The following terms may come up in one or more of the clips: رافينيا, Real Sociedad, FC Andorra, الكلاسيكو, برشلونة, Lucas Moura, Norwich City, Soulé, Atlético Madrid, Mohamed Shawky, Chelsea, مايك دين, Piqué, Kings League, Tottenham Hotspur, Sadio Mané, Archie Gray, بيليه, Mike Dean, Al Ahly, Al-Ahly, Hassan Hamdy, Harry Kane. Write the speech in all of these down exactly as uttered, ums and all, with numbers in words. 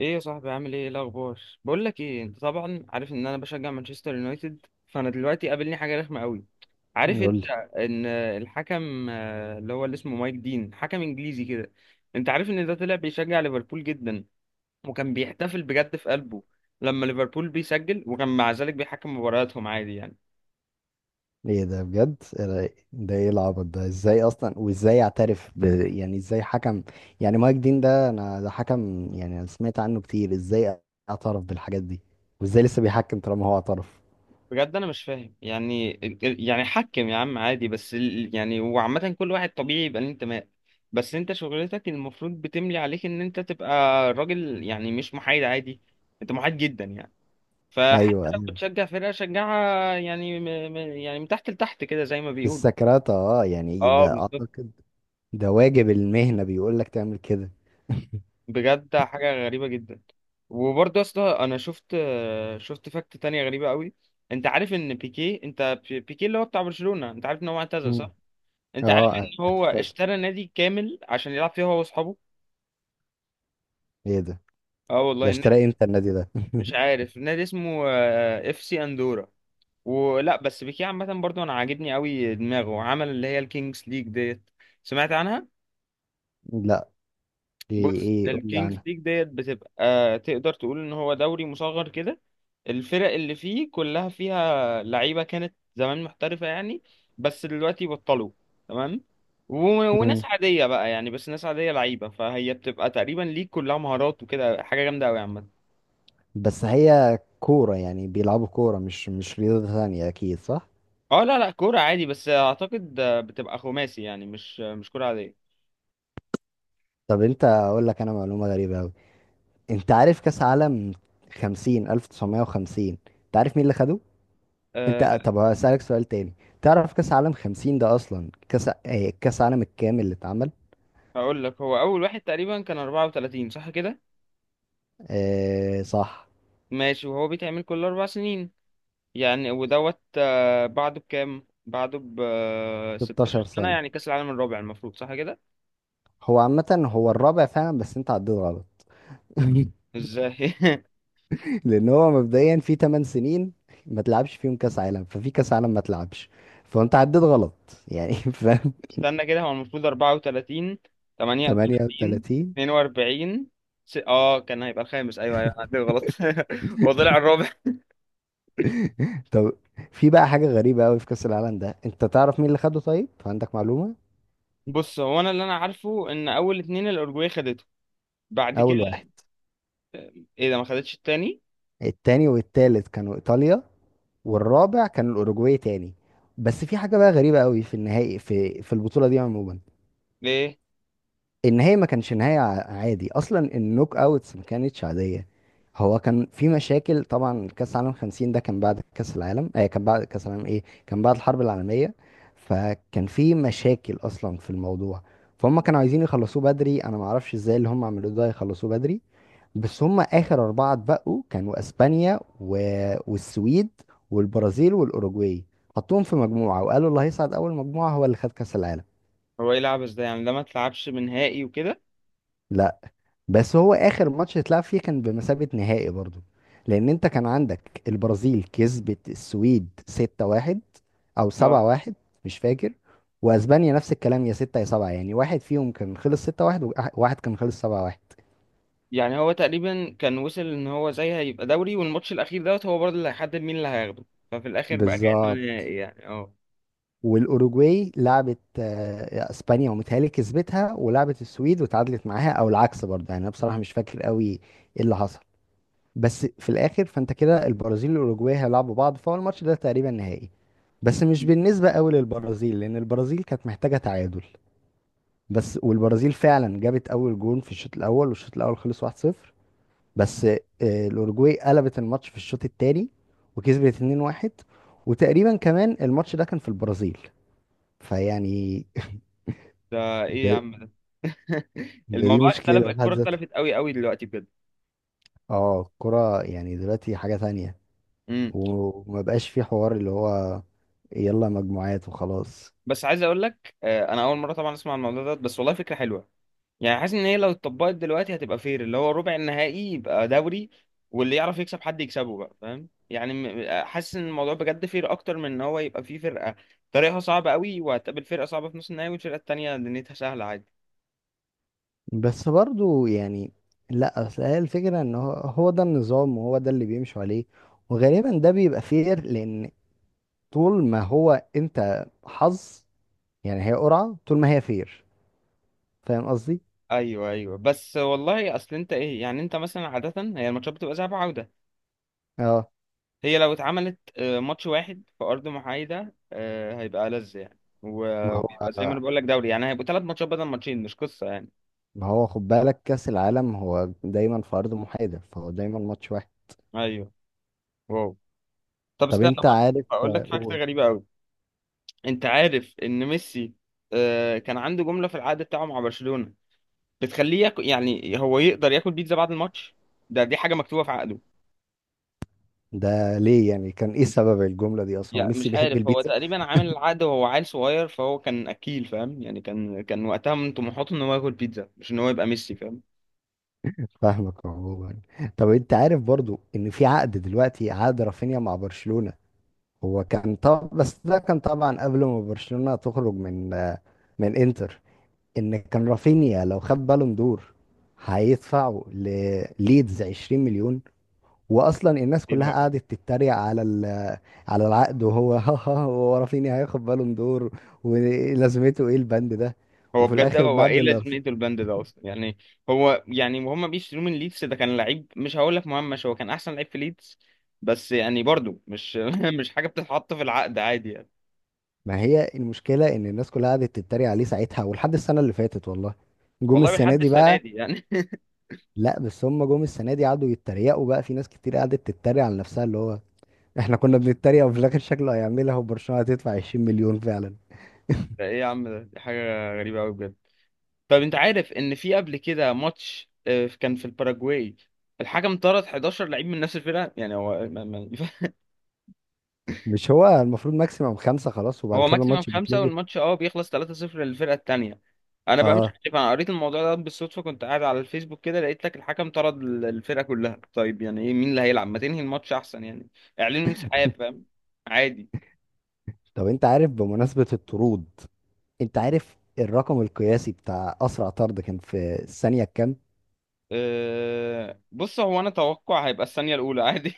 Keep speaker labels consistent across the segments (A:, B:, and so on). A: ايه يا صاحبي؟ عامل ايه؟ إيه الاخبار؟ بقول لك ايه، انت طبعا عارف ان انا بشجع مانشستر يونايتد، فانا دلوقتي قابلني حاجه رخمه قوي. عارف
B: قول
A: انت
B: لي.
A: ان الحكم آه، اللي هو اللي اسمه مايك دين حكم انجليزي كده. انت عارف ان ده طلع بيشجع ليفربول جدا، وكان بيحتفل بجد في قلبه لما ليفربول بيسجل، وكان مع ذلك بيحكم مبارياتهم عادي يعني.
B: ايه ده بجد؟ إيه ده ده ايه العبط ده؟ ازاي اصلا؟ وازاي اعترف ب... يعني ازاي حكم؟ يعني مايك دين ده، انا ده حكم، يعني انا سمعت عنه كتير. ازاي اعترف بالحاجات دي؟ وازاي لسه بيحكم طالما هو اعترف؟
A: بجد انا مش فاهم يعني يعني حكم يا عم عادي، بس ال- يعني وعامة كل واحد طبيعي يبقى ليه انتماء. بس انت شغلتك المفروض بتملي عليك ان انت تبقى راجل، يعني مش محايد عادي. انت محايد جدا يعني. فحتى
B: ايوه،
A: لو
B: ايوه.
A: بتشجع فرقة شجعها يعني، م م يعني من تحت لتحت كده، زي ما
B: في
A: بيقول.
B: السكرات، اه يعني
A: اه،
B: ده
A: بالظبط.
B: اعتقد. ده واجب المهنة، بيقول لك تعمل كده.
A: بجد حاجة غريبة جدا. وبرضه يا اسطى، انا شفت شفت فاكت تانية غريبة قوي. انت عارف ان بيكي، انت بيكي اللي هو بتاع برشلونة، انت عارف ان هو اعتزل
B: مم.
A: صح؟ انت عارف
B: اه،
A: ان هو
B: اعتقد.
A: اشترى نادي كامل عشان يلعب فيه هو واصحابه؟
B: ايه ده؟
A: اه
B: ده
A: والله، النادي...
B: اشترى امتى النادي ده؟
A: مش عارف النادي اسمه آه، اف سي اندورا. ولا. بس بيكيه عامه برضو انا عاجبني قوي دماغه، عمل اللي هي الكينجز ليج ديت. سمعت عنها؟
B: لا، ايه
A: بص،
B: ايه؟ قول لي.
A: الكينجز ليج ديت بتبقى تقدر تقول ان هو دوري مصغر كده. الفرق اللي فيه كلها فيها لعيبه كانت زمان محترفه يعني. بس دلوقتي بطلوا. تمام. و- وناس
B: عنها.
A: عاديه بقى يعني، بس ناس عاديه لعيبه، فهي بتبقى تقريبا ليج كلها مهارات وكده، حاجه جامده قوي عامه.
B: بس هي كورة، يعني بيلعبوا كورة مش مش رياضة ثانية، أكيد صح؟
A: اه، لا لا كوره عادي، بس اعتقد بتبقى خماسي يعني، مش مش كوره عاديه.
B: طب أنت أقول لك أنا معلومة غريبة أوي. أنت عارف كأس عالم خمسين، ألف تسعمية وخمسين؟ أنت عارف مين اللي خده؟ أنت، طب
A: أه،
B: هسألك سؤال تاني. تعرف كأس عالم خمسين ده أصلا كأس آه، كأس عالم الكامل اللي اتعمل؟
A: هقول لك هو اول واحد تقريبا كان اربعة وتلاتين صح كده؟
B: آه صح.
A: ماشي، وهو بيتعمل كل اربع سنين يعني. ودوت آه، بعده بكام، بعده ب آه،
B: ستاشر
A: 16 سنة،
B: سنة.
A: يعني كأس العالم الرابع المفروض صح كده؟
B: هو عامة هو الرابع فعلا، بس أنت عديت غلط.
A: ازاي؟
B: لان هو مبدئيا في تمن سنين ما تلعبش فيهم كاس عالم، ففي كاس عالم ما تلعبش، فانت عديت غلط يعني. فاهم؟
A: استنى كده، هو المفروض اربعة وتلاتين، تمانية وتلاتين،
B: تمنية وتلاتين.
A: اثنين واربعين. س... اه كان هيبقى الخامس، ايوه ايوه أنا عندي غلط. هو طلع الرابع.
B: طب في بقى حاجه غريبه قوي في كاس العالم ده، انت تعرف مين اللي خده؟ طيب عندك معلومه؟
A: بص، هو انا اللي انا عارفه ان اول اتنين الاورجواي خدته، بعد
B: اول
A: كده...
B: واحد.
A: ايه ده ما خدتش التاني؟
B: التاني والتالت كانوا ايطاليا، والرابع كان الاوروجواي تاني. بس في حاجه بقى غريبه قوي في النهائي، في في البطوله دي عموما.
A: ليه؟
B: النهاية ما كانش نهاية ع- عادي أصلا. النوك أوتس ما كانتش عادية. هو كان في مشاكل طبعا. كأس العالم خمسين ده كان بعد كأس العالم، آه كان بعد كأس العالم، إيه، كان بعد الحرب العالمية. فكان في مشاكل أصلا في الموضوع. فهم كانوا عايزين يخلصوه بدري. أنا معرفش إزاي اللي هم عملوه ده يخلصوه بدري. بس هم آخر أربعة اتبقوا كانوا أسبانيا و... والسويد والبرازيل والأوروجواي. حطوهم في مجموعة وقالوا اللي هيصعد أول مجموعة هو اللي خد كأس العالم.
A: هو ايه العبث ده يعني؟ ده ما تلعبش بنهائي وكده؟
B: بس هو اخر ماتش اتلعب فيه كان بمثابة نهائي برضو. لان انت كان عندك البرازيل كسبت السويد ستة واحد او
A: آه.
B: سبعة واحد، مش فاكر. واسبانيا نفس الكلام، يا ستة يا سبعة يعني، واحد فيهم كان خلص ستة واحد، وواحد كان خلص سبعة واحد.
A: يعني هو تقريبا كان وصل ان هو زي هيبقى دوري، والماتش الاخير دوت هو برضه اللي هيحدد مين اللي هياخده، ففي الاخر بقى كأنه
B: بالظبط.
A: نهائي يعني، اه.
B: والاوروجواي لعبت آه، اسبانيا، ومتهيألي كسبتها، ولعبت السويد وتعادلت معاها، او العكس برضه، يعني انا بصراحة مش فاكر قوي ايه اللي حصل. بس في الاخر فانت كده البرازيل والاوروجواي هيلعبوا بعض، فهو الماتش ده تقريبا نهائي. بس مش بالنسبه قوي للبرازيل، لان البرازيل كانت محتاجه تعادل. بس والبرازيل فعلا جابت اول جون في الشوط الاول، والشوط الاول خلص واحد صفر. بس آه، الاوروجواي قلبت الماتش في الشوط الثاني وكسبت اتنين واحد. وتقريبا كمان الماتش ده كان في البرازيل، فيعني
A: ده ايه يا
B: ده,
A: عم ده؟
B: ده دي
A: الموضوع اختلف،
B: مشكله في حد
A: الكرة
B: ذاتها.
A: اختلفت قوي قوي دلوقتي بجد.
B: اه، الكره يعني دلوقتي حاجه تانية.
A: امم.
B: وما بقاش في حوار اللي هو يلا مجموعات وخلاص.
A: بس عايز اقول لك آه، انا اول مرة طبعا اسمع عن الموضوع ده، بس والله فكرة حلوة. يعني حاسس ان هي لو اتطبقت دلوقتي هتبقى فير، اللي هو ربع النهائي يبقى دوري. واللي يعرف يكسب حد يكسبه بقى، فاهم يعني. م- حاسس ان الموضوع بجد فير اكتر من ان هو يبقى فيه فرقة طريقها صعبة قوي، وهتقابل فرقة صعبة في نص النهائي، والفرقة التانية دنيتها سهلة عادي.
B: بس برضو يعني، لا اصل هي الفكره ان هو هو ده النظام، وهو ده اللي بيمشوا عليه، وغالبا ده بيبقى فير. لان طول ما هو، انت حظ، يعني هي قرعه، طول ما هي فير. فاهم قصدي؟
A: ايوه ايوه، بس والله اصل انت ايه يعني، انت مثلا عادة هي الماتشات بتبقى ذهاب وعودة.
B: اه.
A: هي لو اتعملت آه، ماتش واحد في ارض محايدة آه، هيبقى ألذ يعني،
B: ما
A: و-
B: هو
A: ويبقى زي ما انا بقول لك دوري يعني، هيبقوا ثلاث ماتشات بدل ماتشين، مش قصة يعني.
B: ما هو خد بالك كاس العالم هو دايما في ارض محايده، فهو دايما ماتش واحد.
A: ايوه. واو. طب
B: طب
A: استنى
B: انت
A: برضه
B: عارف،
A: اقول لك فاكتة
B: قول.
A: غريبة قوي. انت عارف ان ميسي آه، كان عنده جملة في العقد بتاعه مع برشلونة بتخليه ياكل، يعني هو يقدر ياكل بيتزا بعد الماتش؟ ده دي حاجة مكتوبة في عقده.
B: ده ليه يعني، كان ايه سبب الجمله دي اصلا؟ هو
A: يعني
B: ميسي
A: مش
B: بيحب
A: عارف، هو
B: البيتزا؟
A: تقريبا عامل العقد وهو عيل صغير، فهو كان اكيل فاهم يعني، كان كان وقتها من طموحاته ان هو ياكل بيتزا مش ان هو يبقى ميسي، فاهم.
B: فاهمك عموما. طب انت عارف برضو ان في عقد دلوقتي، عقد رافينيا مع برشلونة؟ هو كان، طب بس ده كان طبعا قبل ما برشلونة تخرج من آه، من انتر، ان كان رافينيا لو خد بالون دور هيدفعوا لليدز عشرين مليون. واصلا الناس
A: إيه
B: كلها
A: الهبل؟
B: قعدت تتريق على ال- على العقد، وهو ها ها. هو رافينيا هياخد بالون دور؟ ولازمته ايه البند ده؟
A: هو
B: وفي
A: بجد،
B: الاخر
A: هو
B: بعد
A: ايه
B: اللي،
A: لازمته البند ده اصلا يعني؟ هو يعني، وهم بيشتروه من ليدز ده كان لعيب مش هقول لك مهمش، هو كان احسن لعيب في ليدز. بس يعني برضو مش مش حاجه بتتحط في العقد عادي يعني.
B: ما هي المشكلة إن الناس كلها قعدت تتريق عليه ساعتها ولحد السنة اللي فاتت، والله. جم
A: والله
B: السنة
A: لحد
B: دي
A: السنه
B: بقى.
A: دي يعني.
B: لا، بس هم جم السنة دي قعدوا يتريقوا بقى، في ناس كتير قعدت تتريق على نفسها، اللي هو إحنا كنا بنتريق وفي الآخر شكله هيعملها، وبرشلونة هتدفع عشرين مليون فعلا.
A: ده ايه يا عم ده؟ دي حاجه غريبه قوي بجد. طب انت عارف ان في قبل كده ماتش آه، كان في الباراجواي، الحكم طرد 11 لعيب من نفس الفرقه يعني، هو ما- ما-
B: مش هو المفروض ماكسيموم خمسة خلاص، وبعد
A: هو
B: كده
A: ماكسيمم
B: الماتش
A: خمسة،
B: بيتلغي؟
A: والماتش اه بيخلص ثلاثة صفر للفرقة التانية. انا بقى مش
B: آه.
A: عارف، انا قريت الموضوع ده بالصدفة، كنت قاعد على الفيسبوك كده لقيت لك الحكم طرد ال- الفرقة كلها. طيب يعني ايه؟ مين اللي هيلعب؟ ما تنهي الماتش احسن يعني. اعلنوا انسحاب فاهم؟ عادي.
B: طب أنت عارف بمناسبة الطرود، أنت عارف الرقم القياسي بتاع أسرع طرد كان في الثانية كام؟
A: أه، بص هو انا توقع هيبقى الثانية الاولى عادي.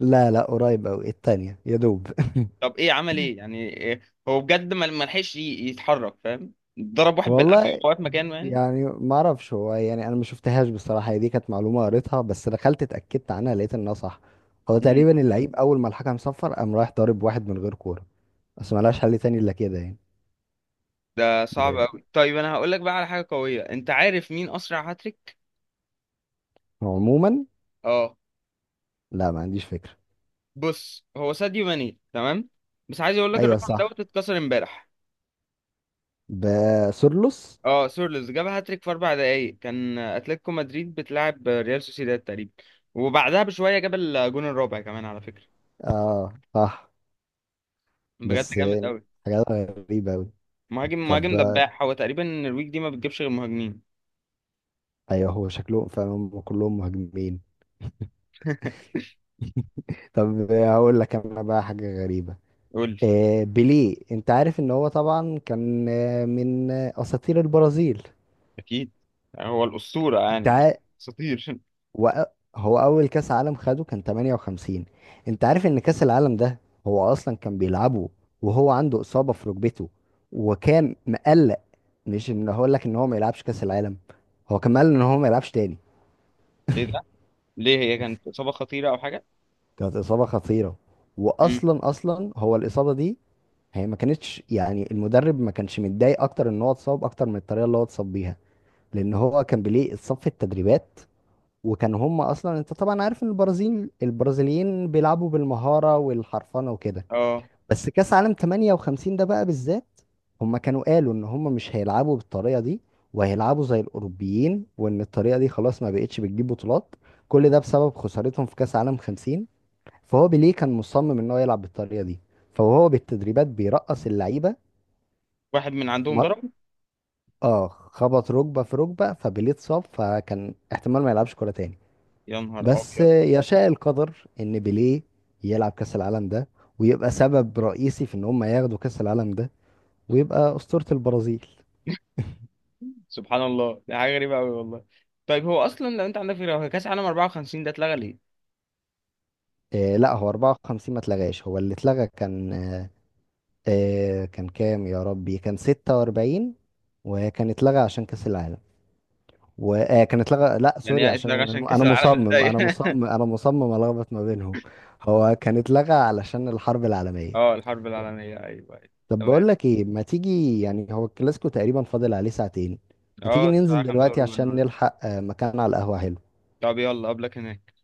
B: لا، لا، قريب أوي، التانية يا دوب.
A: طب ايه عمل ايه يعني؟ إيه؟ هو بجد ما ما لحقش ي- يتحرك فاهم. ضرب واحد بالقفا،
B: والله
A: وقف مكانه يعني.
B: يعني ما اعرفش. هو يعني انا ما شفتهاش بصراحه، هي دي كانت معلومه قريتها، بس دخلت اتاكدت عنها لقيت انها صح. هو
A: مم.
B: تقريبا اللعيب اول ما الحكم صفر قام رايح ضارب واحد من غير كوره. بس ما لهاش حل تاني الا كده يعني.
A: ده صعب
B: يعني
A: قوي. طيب انا هقول لك بقى على حاجة قوية، انت عارف مين اسرع هاتريك؟
B: هو عموما.
A: اه،
B: لا، ما عنديش فكره.
A: بص هو ساديو ماني. تمام، بس عايز اقول لك
B: ايوه
A: الرقم
B: صح،
A: دوت اتكسر امبارح.
B: بسورلوس.
A: اه، سورلز جاب هاتريك في اربع دقايق، كان اتلتيكو مدريد بتلعب ريال سوسيداد تقريبا. وبعدها بشويه جاب الجون الرابع كمان على فكره.
B: اه صح.
A: بجد
B: بس
A: جامد قوي.
B: حاجات غريبه قوي.
A: مهاجم
B: طب،
A: مهاجم
B: آه،
A: دباح، هو تقريبا الويك دي ما بتجيبش غير مهاجمين.
B: ايوه، هو شكلهم فعلا هم كلهم مهاجمين. طب، آه، هقول لك انا بقى حاجه غريبه.
A: قول لي.
B: آه، بيليه، انت عارف ان هو طبعا كان آه، من آه، اساطير البرازيل.
A: اكيد. هو الاسطوره
B: انت
A: يعني، مش
B: عا...
A: اساطير.
B: وأ- هو اول كاس عالم خده كان تمنية وخمسين. انت عارف ان كاس العالم ده هو اصلا كان بيلعبه وهو عنده اصابة في ركبته، وكان مقلق. مش ان هقول لك ان هو ما يلعبش كاس العالم، هو كان مقلق ان هو ما يلعبش تاني.
A: ايه ده؟ ليه؟ هي كانت اصابه خطيره او حاجه؟
B: كانت اصابة خطيرة.
A: امم،
B: واصلا اصلا هو الاصابة دي، هي ما كانتش، يعني المدرب ما كانش متضايق اكتر ان هو اتصاب اكتر من الطريقة اللي هو اتصاب بيها. لان هو كان بيليه صف التدريبات، وكان هم اصلا، انت طبعا عارف ان البرازيل البرازيليين بيلعبوا بالمهاره والحرفنه وكده.
A: اه،
B: بس كاس عالم تمنية وخمسين ده بقى بالذات، هم كانوا قالوا ان هم مش هيلعبوا بالطريقه دي، وهيلعبوا زي الاوروبيين، وان الطريقه دي خلاص ما بقتش بتجيب بطولات. كل ده بسبب خسارتهم في كاس عالم خمسين. فهو بيليه كان مصمم ان هو يلعب بالطريقه دي، فهو بالتدريبات بيرقص اللعيبه.
A: واحد من عندهم
B: مر-
A: ضرب.
B: اه، خبط ركبه في ركبه فبيليه اتصاب، فكان احتمال ما يلعبش كوره تاني.
A: يا نهار
B: بس
A: ابيض.
B: يشاء القدر ان بيليه يلعب كاس العالم ده ويبقى سبب رئيسي في ان هم ياخدوا كاس العالم ده، ويبقى اسطورة البرازيل.
A: سبحان الله، دي حاجه غريبه قوي والله. طيب هو اصلا لو انت عندك فكره، هو كاس العالم اربع وخمسين ده اتلغى ليه؟
B: آه لا، هو اربعة وخمسين ما اتلغاش. هو اللي اتلغى كان آه آه كان كام يا ربي؟ كان ستة واربعين. وكان اتلغى عشان كاس العالم، وكان اتلغى، لا
A: يعني
B: سوري،
A: هي
B: عشان
A: اتلغى عشان
B: انا
A: كاس
B: أنا
A: العالم
B: مصمم،
A: الضيق؟
B: انا مصمم انا مصمم الخبط ما بينهم. هو كان اتلغى علشان الحرب العالمية.
A: اه الحرب العالميه، ايوه ايوه.
B: طب بقول
A: تمام.
B: لك ايه، ما تيجي، يعني هو الكلاسيكو تقريبا فاضل عليه ساعتين، ما تيجي
A: اه الساعه
B: ننزل
A: الخامسة
B: دلوقتي
A: وربع
B: عشان
A: النهارده.
B: نلحق آه، مكان على القهوة حلو.
A: طب يلا، قبلك هناك.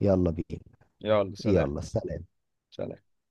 B: يلا بينا.
A: يلا سلام.
B: يلا سلام.
A: سلام.